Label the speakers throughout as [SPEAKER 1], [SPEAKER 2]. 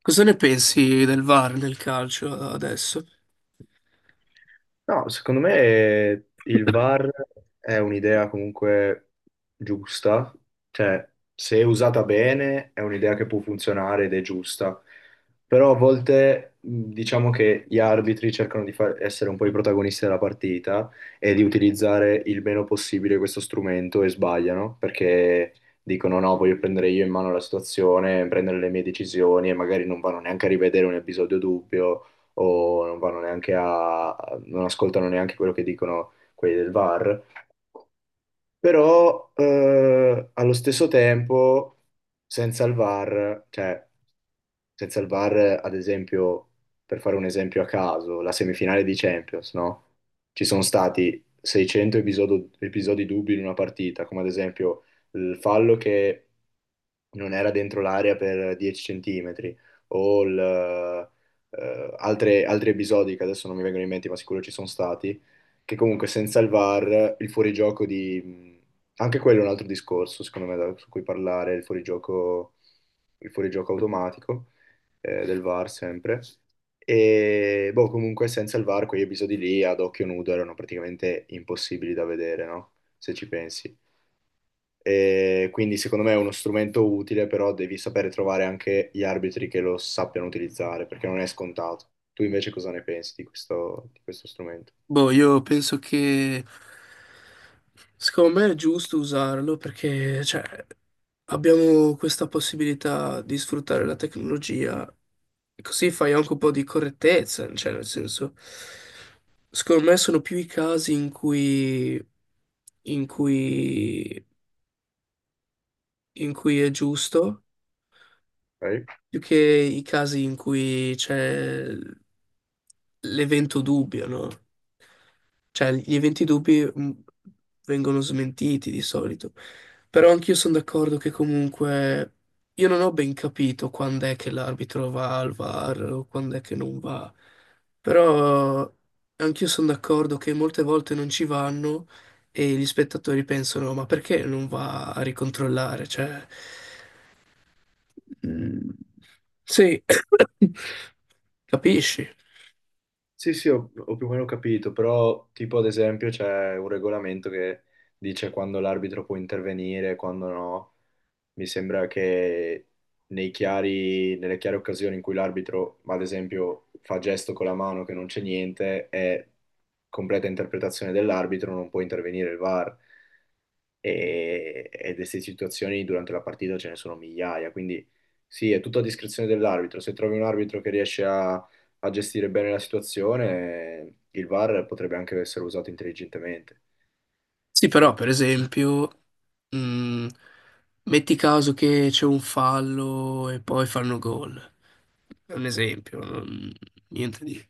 [SPEAKER 1] Cosa ne pensi del VAR nel calcio adesso?
[SPEAKER 2] No, secondo me il VAR è un'idea comunque giusta, cioè se usata bene è un'idea che può funzionare ed è giusta, però a volte diciamo che gli arbitri cercano di essere un po' i protagonisti della partita e di utilizzare il meno possibile questo strumento e sbagliano perché dicono no, voglio prendere io in mano la situazione, prendere le mie decisioni e magari non vanno neanche a rivedere un episodio dubbio o non ascoltano neanche quello che dicono quelli del VAR, però allo stesso tempo senza il VAR, cioè senza il VAR, ad esempio, per fare un esempio a caso, la semifinale di Champions, no? Ci sono stati 600 episodi dubbi in una partita, come ad esempio il fallo che non era dentro l'area per 10 centimetri, o altri episodi che adesso non mi vengono in mente, ma sicuro ci sono stati, che comunque senza il VAR, il fuorigioco di. Anche quello è un altro discorso, secondo me, su cui parlare, il fuorigioco, automatico del VAR sempre. E boh, comunque senza il VAR quegli episodi lì ad occhio nudo erano praticamente impossibili da vedere, no? Se ci pensi. E quindi secondo me è uno strumento utile, però devi sapere trovare anche gli arbitri che lo sappiano utilizzare, perché non è scontato. Tu invece cosa ne pensi di questo strumento?
[SPEAKER 1] Boh, io penso che secondo me è giusto usarlo perché cioè, abbiamo questa possibilità di sfruttare la tecnologia e così fai anche un po' di correttezza, cioè nel senso, secondo me sono più i casi in cui, in cui è giusto.
[SPEAKER 2] Ok?
[SPEAKER 1] Più che i casi in cui c'è l'evento dubbio, no? Cioè, gli eventi dubbi vengono smentiti di solito. Però anch'io sono d'accordo che comunque io non ho ben capito quando è che l'arbitro va al VAR o quando è che non va. Però anch'io sono d'accordo che molte volte non ci vanno e gli spettatori pensano, ma perché non va a ricontrollare? Cioè, Mm, sì, capisci?
[SPEAKER 2] Sì, sì, ho più o meno capito, però tipo ad esempio c'è un regolamento che dice quando l'arbitro può intervenire, quando no. Mi sembra che nelle chiare occasioni in cui l'arbitro, ad esempio, fa gesto con la mano che non c'è niente, è completa interpretazione dell'arbitro, non può intervenire il VAR. E queste situazioni durante la partita ce ne sono migliaia, quindi sì, è tutto a discrezione dell'arbitro. Se trovi un arbitro che riesce a gestire bene la situazione, il VAR potrebbe anche essere usato intelligentemente.
[SPEAKER 1] Sì, però per esempio, mm, metti caso che c'è un fallo e poi fanno gol. È un esempio, niente di...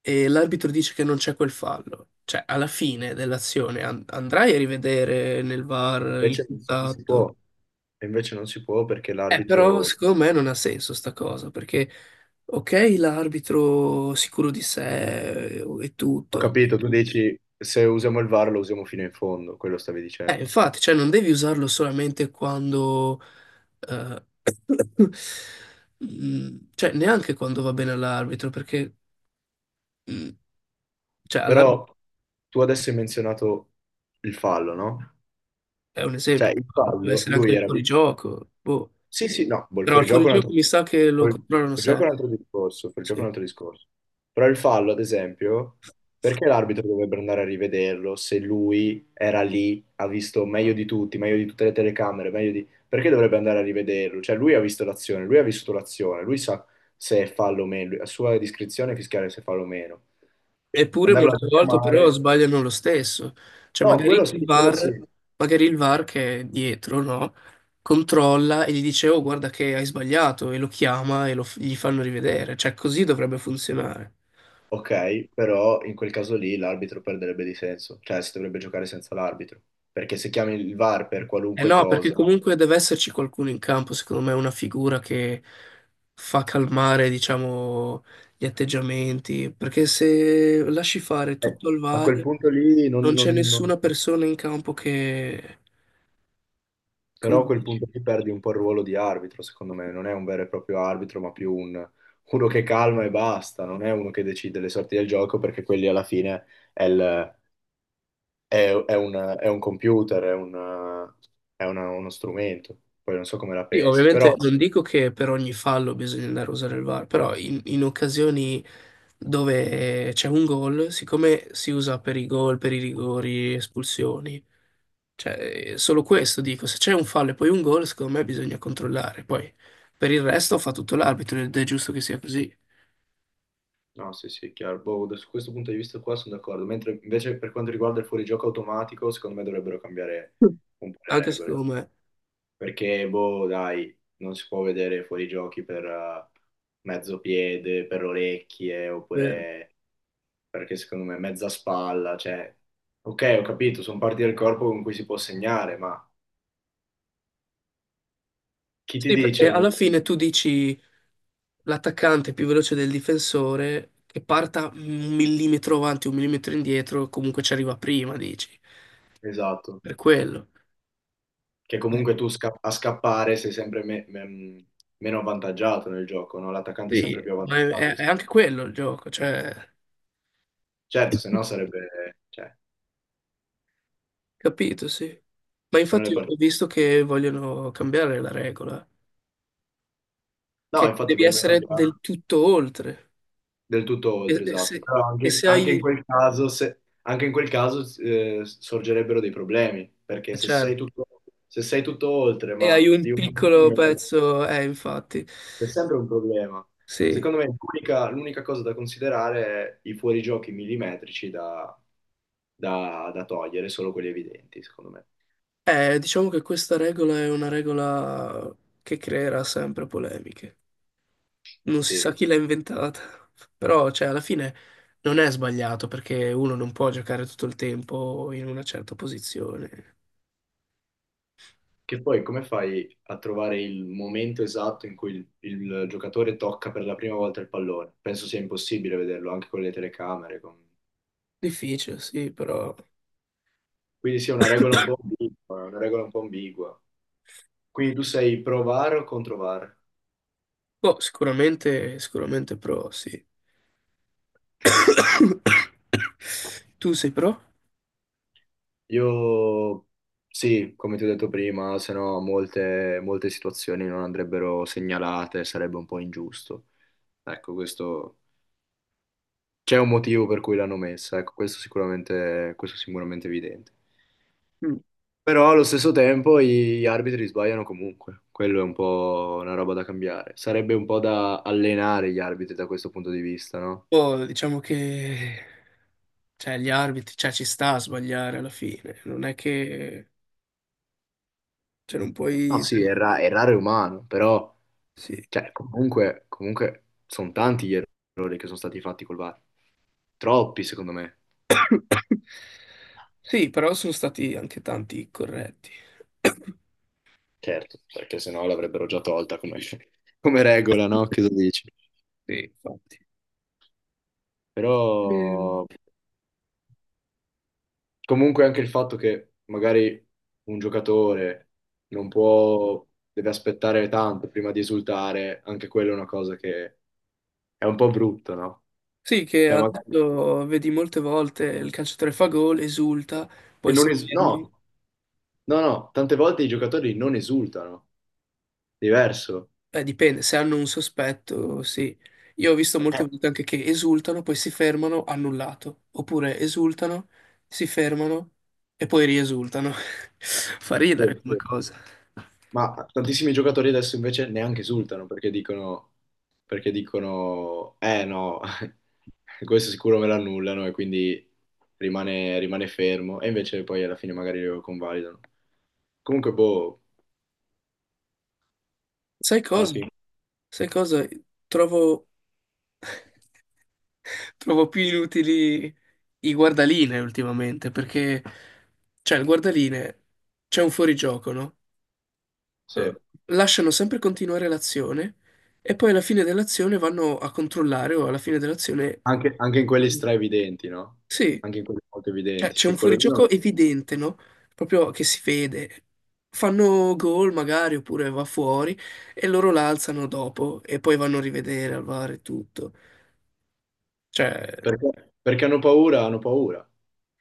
[SPEAKER 1] E l'arbitro dice che non c'è quel fallo. Cioè, alla fine dell'azione andrai a rivedere nel VAR il
[SPEAKER 2] Invece non si
[SPEAKER 1] contatto.
[SPEAKER 2] può, e invece non si può perché
[SPEAKER 1] Però
[SPEAKER 2] l'arbitro.
[SPEAKER 1] secondo me non ha senso sta cosa, perché ok, l'arbitro sicuro di sé e
[SPEAKER 2] Ho
[SPEAKER 1] tutto.
[SPEAKER 2] capito, tu dici se usiamo il VAR lo usiamo fino in fondo, quello stavi dicendo.
[SPEAKER 1] Infatti, cioè non devi usarlo solamente quando, eh, cioè neanche quando va bene all'arbitro, perché mm, cioè, all'arbitro
[SPEAKER 2] Però tu adesso hai menzionato il fallo, no?
[SPEAKER 1] è un
[SPEAKER 2] Cioè
[SPEAKER 1] esempio,
[SPEAKER 2] il
[SPEAKER 1] lo può
[SPEAKER 2] fallo,
[SPEAKER 1] essere anche
[SPEAKER 2] lui
[SPEAKER 1] il
[SPEAKER 2] era.
[SPEAKER 1] fuorigioco, boh.
[SPEAKER 2] Sì, sì, no, boh,
[SPEAKER 1] Però il fuorigioco mi
[SPEAKER 2] il
[SPEAKER 1] sa che lo controllano
[SPEAKER 2] fuorigioco è un
[SPEAKER 1] sempre,
[SPEAKER 2] altro discorso, il fuorigioco è
[SPEAKER 1] sì.
[SPEAKER 2] un altro discorso. Però il fallo, ad esempio, perché l'arbitro dovrebbe andare a rivederlo se lui era lì, ha visto meglio di tutti, meglio di tutte le telecamere, meglio di. Perché dovrebbe andare a rivederlo? Cioè, lui ha visto l'azione, lui ha visto l'azione, lui sa se è fallo o meno, a sua discrezione fiscale se è fallo o meno.
[SPEAKER 1] Eppure
[SPEAKER 2] Andarlo a
[SPEAKER 1] molte volte però
[SPEAKER 2] richiamare.
[SPEAKER 1] sbagliano lo stesso,
[SPEAKER 2] No,
[SPEAKER 1] cioè
[SPEAKER 2] quello sì,
[SPEAKER 1] magari il
[SPEAKER 2] quello
[SPEAKER 1] VAR,
[SPEAKER 2] sì.
[SPEAKER 1] magari il VAR che è dietro, no? Controlla e gli dice oh guarda che hai sbagliato e lo chiama e gli fanno rivedere, cioè così dovrebbe funzionare.
[SPEAKER 2] Ok, però in quel caso lì l'arbitro perderebbe di senso, cioè si dovrebbe giocare senza l'arbitro, perché se chiami il VAR per
[SPEAKER 1] Eh
[SPEAKER 2] qualunque
[SPEAKER 1] no, perché
[SPEAKER 2] cosa,
[SPEAKER 1] comunque deve esserci qualcuno in campo, secondo me, una figura che fa calmare, diciamo, gli atteggiamenti, perché se lasci fare
[SPEAKER 2] eh,
[SPEAKER 1] tutto al
[SPEAKER 2] a quel
[SPEAKER 1] VAR
[SPEAKER 2] punto lì non,
[SPEAKER 1] non c'è
[SPEAKER 2] non-
[SPEAKER 1] nessuna
[SPEAKER 2] non-
[SPEAKER 1] persona in campo che... Come
[SPEAKER 2] però a quel
[SPEAKER 1] dici?
[SPEAKER 2] punto lì perdi un po' il ruolo di arbitro, secondo me, non è un vero e proprio arbitro, ma più uno che calma e basta, non è uno che decide le sorti del gioco, perché quelli alla fine è, il- è un computer, è, un- è una- uno strumento, poi non so come la
[SPEAKER 1] Sì,
[SPEAKER 2] pensi, però.
[SPEAKER 1] ovviamente non dico che per ogni fallo bisogna andare a usare il VAR, però in occasioni dove c'è un gol, siccome si usa per i gol, per i rigori, espulsioni, cioè solo questo dico, se c'è un fallo e poi un gol, secondo me bisogna controllare. Poi per il resto fa tutto l'arbitro ed è giusto che sia così.
[SPEAKER 2] No, sì, sì, è chiaro. Boh, da su questo punto di vista qua sono d'accordo. Mentre invece per quanto riguarda il fuorigioco automatico, secondo me dovrebbero cambiare
[SPEAKER 1] Mm.
[SPEAKER 2] un po' le
[SPEAKER 1] Anche
[SPEAKER 2] regole.
[SPEAKER 1] secondo me.
[SPEAKER 2] Perché, boh, dai, non si può vedere fuorigiochi per mezzo piede, per orecchie,
[SPEAKER 1] Eh,
[SPEAKER 2] oppure perché secondo me mezza spalla, cioè. Ok, ho capito, sono parti del corpo con cui si può segnare, ma chi ti
[SPEAKER 1] Sì,
[SPEAKER 2] dice
[SPEAKER 1] perché
[SPEAKER 2] il
[SPEAKER 1] alla
[SPEAKER 2] momento
[SPEAKER 1] fine tu dici l'attaccante è più veloce del difensore che parta un millimetro avanti, un millimetro indietro, comunque ci arriva prima, dici.
[SPEAKER 2] esatto?
[SPEAKER 1] Per quello.
[SPEAKER 2] Che
[SPEAKER 1] Eh,
[SPEAKER 2] comunque a scappare sei sempre meno avvantaggiato nel gioco, no? L'attaccante è
[SPEAKER 1] Sì,
[SPEAKER 2] sempre più
[SPEAKER 1] ma è,
[SPEAKER 2] avvantaggiato.
[SPEAKER 1] è è anche quello il gioco, cioè,
[SPEAKER 2] Certo, se no sarebbe, cioè,
[SPEAKER 1] capito, sì. Ma
[SPEAKER 2] se no
[SPEAKER 1] infatti
[SPEAKER 2] le
[SPEAKER 1] ho
[SPEAKER 2] partite.
[SPEAKER 1] visto che vogliono cambiare la regola,
[SPEAKER 2] No,
[SPEAKER 1] che
[SPEAKER 2] infatti
[SPEAKER 1] devi
[SPEAKER 2] poi non
[SPEAKER 1] essere
[SPEAKER 2] cambia
[SPEAKER 1] del tutto oltre.
[SPEAKER 2] del tutto
[SPEAKER 1] E,
[SPEAKER 2] oltre,
[SPEAKER 1] e se,
[SPEAKER 2] esatto. Però
[SPEAKER 1] e
[SPEAKER 2] anche,
[SPEAKER 1] se hai,
[SPEAKER 2] anche in quel caso, se- anche in quel caso sorgerebbero dei problemi, perché se sei
[SPEAKER 1] certo,
[SPEAKER 2] tutto, se sei tutto oltre,
[SPEAKER 1] e hai
[SPEAKER 2] ma di
[SPEAKER 1] un
[SPEAKER 2] un
[SPEAKER 1] piccolo
[SPEAKER 2] millimetro,
[SPEAKER 1] pezzo, infatti,
[SPEAKER 2] c'è sempre un problema.
[SPEAKER 1] sì.
[SPEAKER 2] Secondo me l'unica cosa da considerare è i fuorigiochi millimetrici da togliere, solo quelli evidenti, secondo me.
[SPEAKER 1] Diciamo che questa regola è una regola che creerà sempre polemiche. Non si sa
[SPEAKER 2] Sì.
[SPEAKER 1] chi l'ha inventata, però cioè, alla fine non è sbagliato perché uno non può giocare tutto il tempo in una certa posizione.
[SPEAKER 2] Che poi come fai a trovare il momento esatto in cui il giocatore tocca per la prima volta il pallone? Penso sia impossibile vederlo anche con le telecamere.
[SPEAKER 1] Difficile, sì, però
[SPEAKER 2] Quindi sia una regola un po' ambigua, una regola un po' ambigua. Quindi tu sei pro VAR o contro VAR?
[SPEAKER 1] boh, sicuramente, sicuramente pro, sì. Tu sei pro?
[SPEAKER 2] Io sì, come ti ho detto prima, se no molte, molte situazioni non andrebbero segnalate, sarebbe un po' ingiusto. Ecco, questo c'è un motivo per cui l'hanno messa, ecco, questo è sicuramente evidente.
[SPEAKER 1] Mm.
[SPEAKER 2] Però allo stesso tempo gli arbitri sbagliano comunque, quello è un po' una roba da cambiare. Sarebbe un po' da allenare gli arbitri da questo punto di vista, no?
[SPEAKER 1] Boh, diciamo che cioè, gli arbitri, cioè, ci sta a sbagliare alla fine, non è che cioè, non
[SPEAKER 2] No,
[SPEAKER 1] puoi...
[SPEAKER 2] sì, errare è raro e umano, però
[SPEAKER 1] Sì.
[SPEAKER 2] cioè, comunque sono tanti gli errori che sono stati fatti col VAR. Troppi, secondo me.
[SPEAKER 1] Sì, però sono stati anche tanti corretti.
[SPEAKER 2] Certo, perché sennò l'avrebbero già tolta come, come regola, no? Che lo dici?
[SPEAKER 1] Sì, infatti.
[SPEAKER 2] Però,
[SPEAKER 1] Eh,
[SPEAKER 2] comunque anche il fatto che magari un giocatore non può, deve aspettare tanto prima di esultare, anche quella è una cosa che è un po' brutta, no?
[SPEAKER 1] sì, che
[SPEAKER 2] Cioè, magari
[SPEAKER 1] adesso vedi molte volte il calciatore fa gol, esulta,
[SPEAKER 2] e
[SPEAKER 1] poi
[SPEAKER 2] non
[SPEAKER 1] si
[SPEAKER 2] es-
[SPEAKER 1] ferma.
[SPEAKER 2] no, no, no, tante volte i giocatori non esultano, diverso.
[SPEAKER 1] Dipende, se hanno un sospetto, sì. Io ho visto
[SPEAKER 2] Eh,
[SPEAKER 1] molte volte anche che esultano, poi si fermano, annullato. Oppure esultano, si fermano e poi riesultano. Fa
[SPEAKER 2] sì,
[SPEAKER 1] ridere come
[SPEAKER 2] sì.
[SPEAKER 1] cosa.
[SPEAKER 2] Ma tantissimi giocatori adesso invece neanche esultano perché dicono, eh no, questo sicuro me l'annullano e quindi rimane fermo e invece poi alla fine magari lo convalidano. Comunque, boh,
[SPEAKER 1] Sai
[SPEAKER 2] alla
[SPEAKER 1] cosa?
[SPEAKER 2] fine,
[SPEAKER 1] Sai cosa? Trovo... Trovo più inutili i guardaline ultimamente, perché, cioè, il guardaline c'è un fuorigioco, no? Eh,
[SPEAKER 2] sì.
[SPEAKER 1] lasciano sempre continuare l'azione e poi alla fine dell'azione vanno a controllare o alla fine dell'azione...
[SPEAKER 2] Anche in quelli straevidenti, no?
[SPEAKER 1] Sì,
[SPEAKER 2] Anche in quelli molto
[SPEAKER 1] cioè,
[SPEAKER 2] evidenti,
[SPEAKER 1] c'è
[SPEAKER 2] sì,
[SPEAKER 1] un
[SPEAKER 2] quello lì.
[SPEAKER 1] fuorigioco evidente, no? Proprio che si vede. Fanno gol magari oppure va fuori e loro l'alzano dopo e poi vanno a rivedere al VAR e tutto. Cioè...
[SPEAKER 2] Perché hanno paura, hanno paura.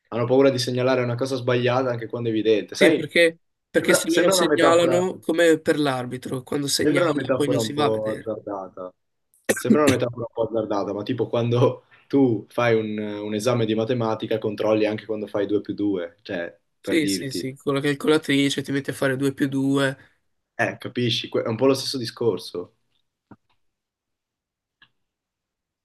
[SPEAKER 2] Hanno paura di segnalare una cosa sbagliata anche quando è evidente.
[SPEAKER 1] Sì,
[SPEAKER 2] Sai,
[SPEAKER 1] perché, perché
[SPEAKER 2] sembra,
[SPEAKER 1] se loro
[SPEAKER 2] sembra una metafora,
[SPEAKER 1] segnalano, come per l'arbitro, quando
[SPEAKER 2] Sembra una
[SPEAKER 1] segnala poi non
[SPEAKER 2] metafora un
[SPEAKER 1] si va a
[SPEAKER 2] po'
[SPEAKER 1] vedere.
[SPEAKER 2] azzardata. Sembra una metafora un po' azzardata, ma tipo quando tu fai un esame di matematica, controlli anche quando fai 2 più 2, cioè per
[SPEAKER 1] Sì, sì,
[SPEAKER 2] dirti,
[SPEAKER 1] sì, con la calcolatrice ti metti a fare 2 più 2,
[SPEAKER 2] capisci? È un po' lo stesso discorso.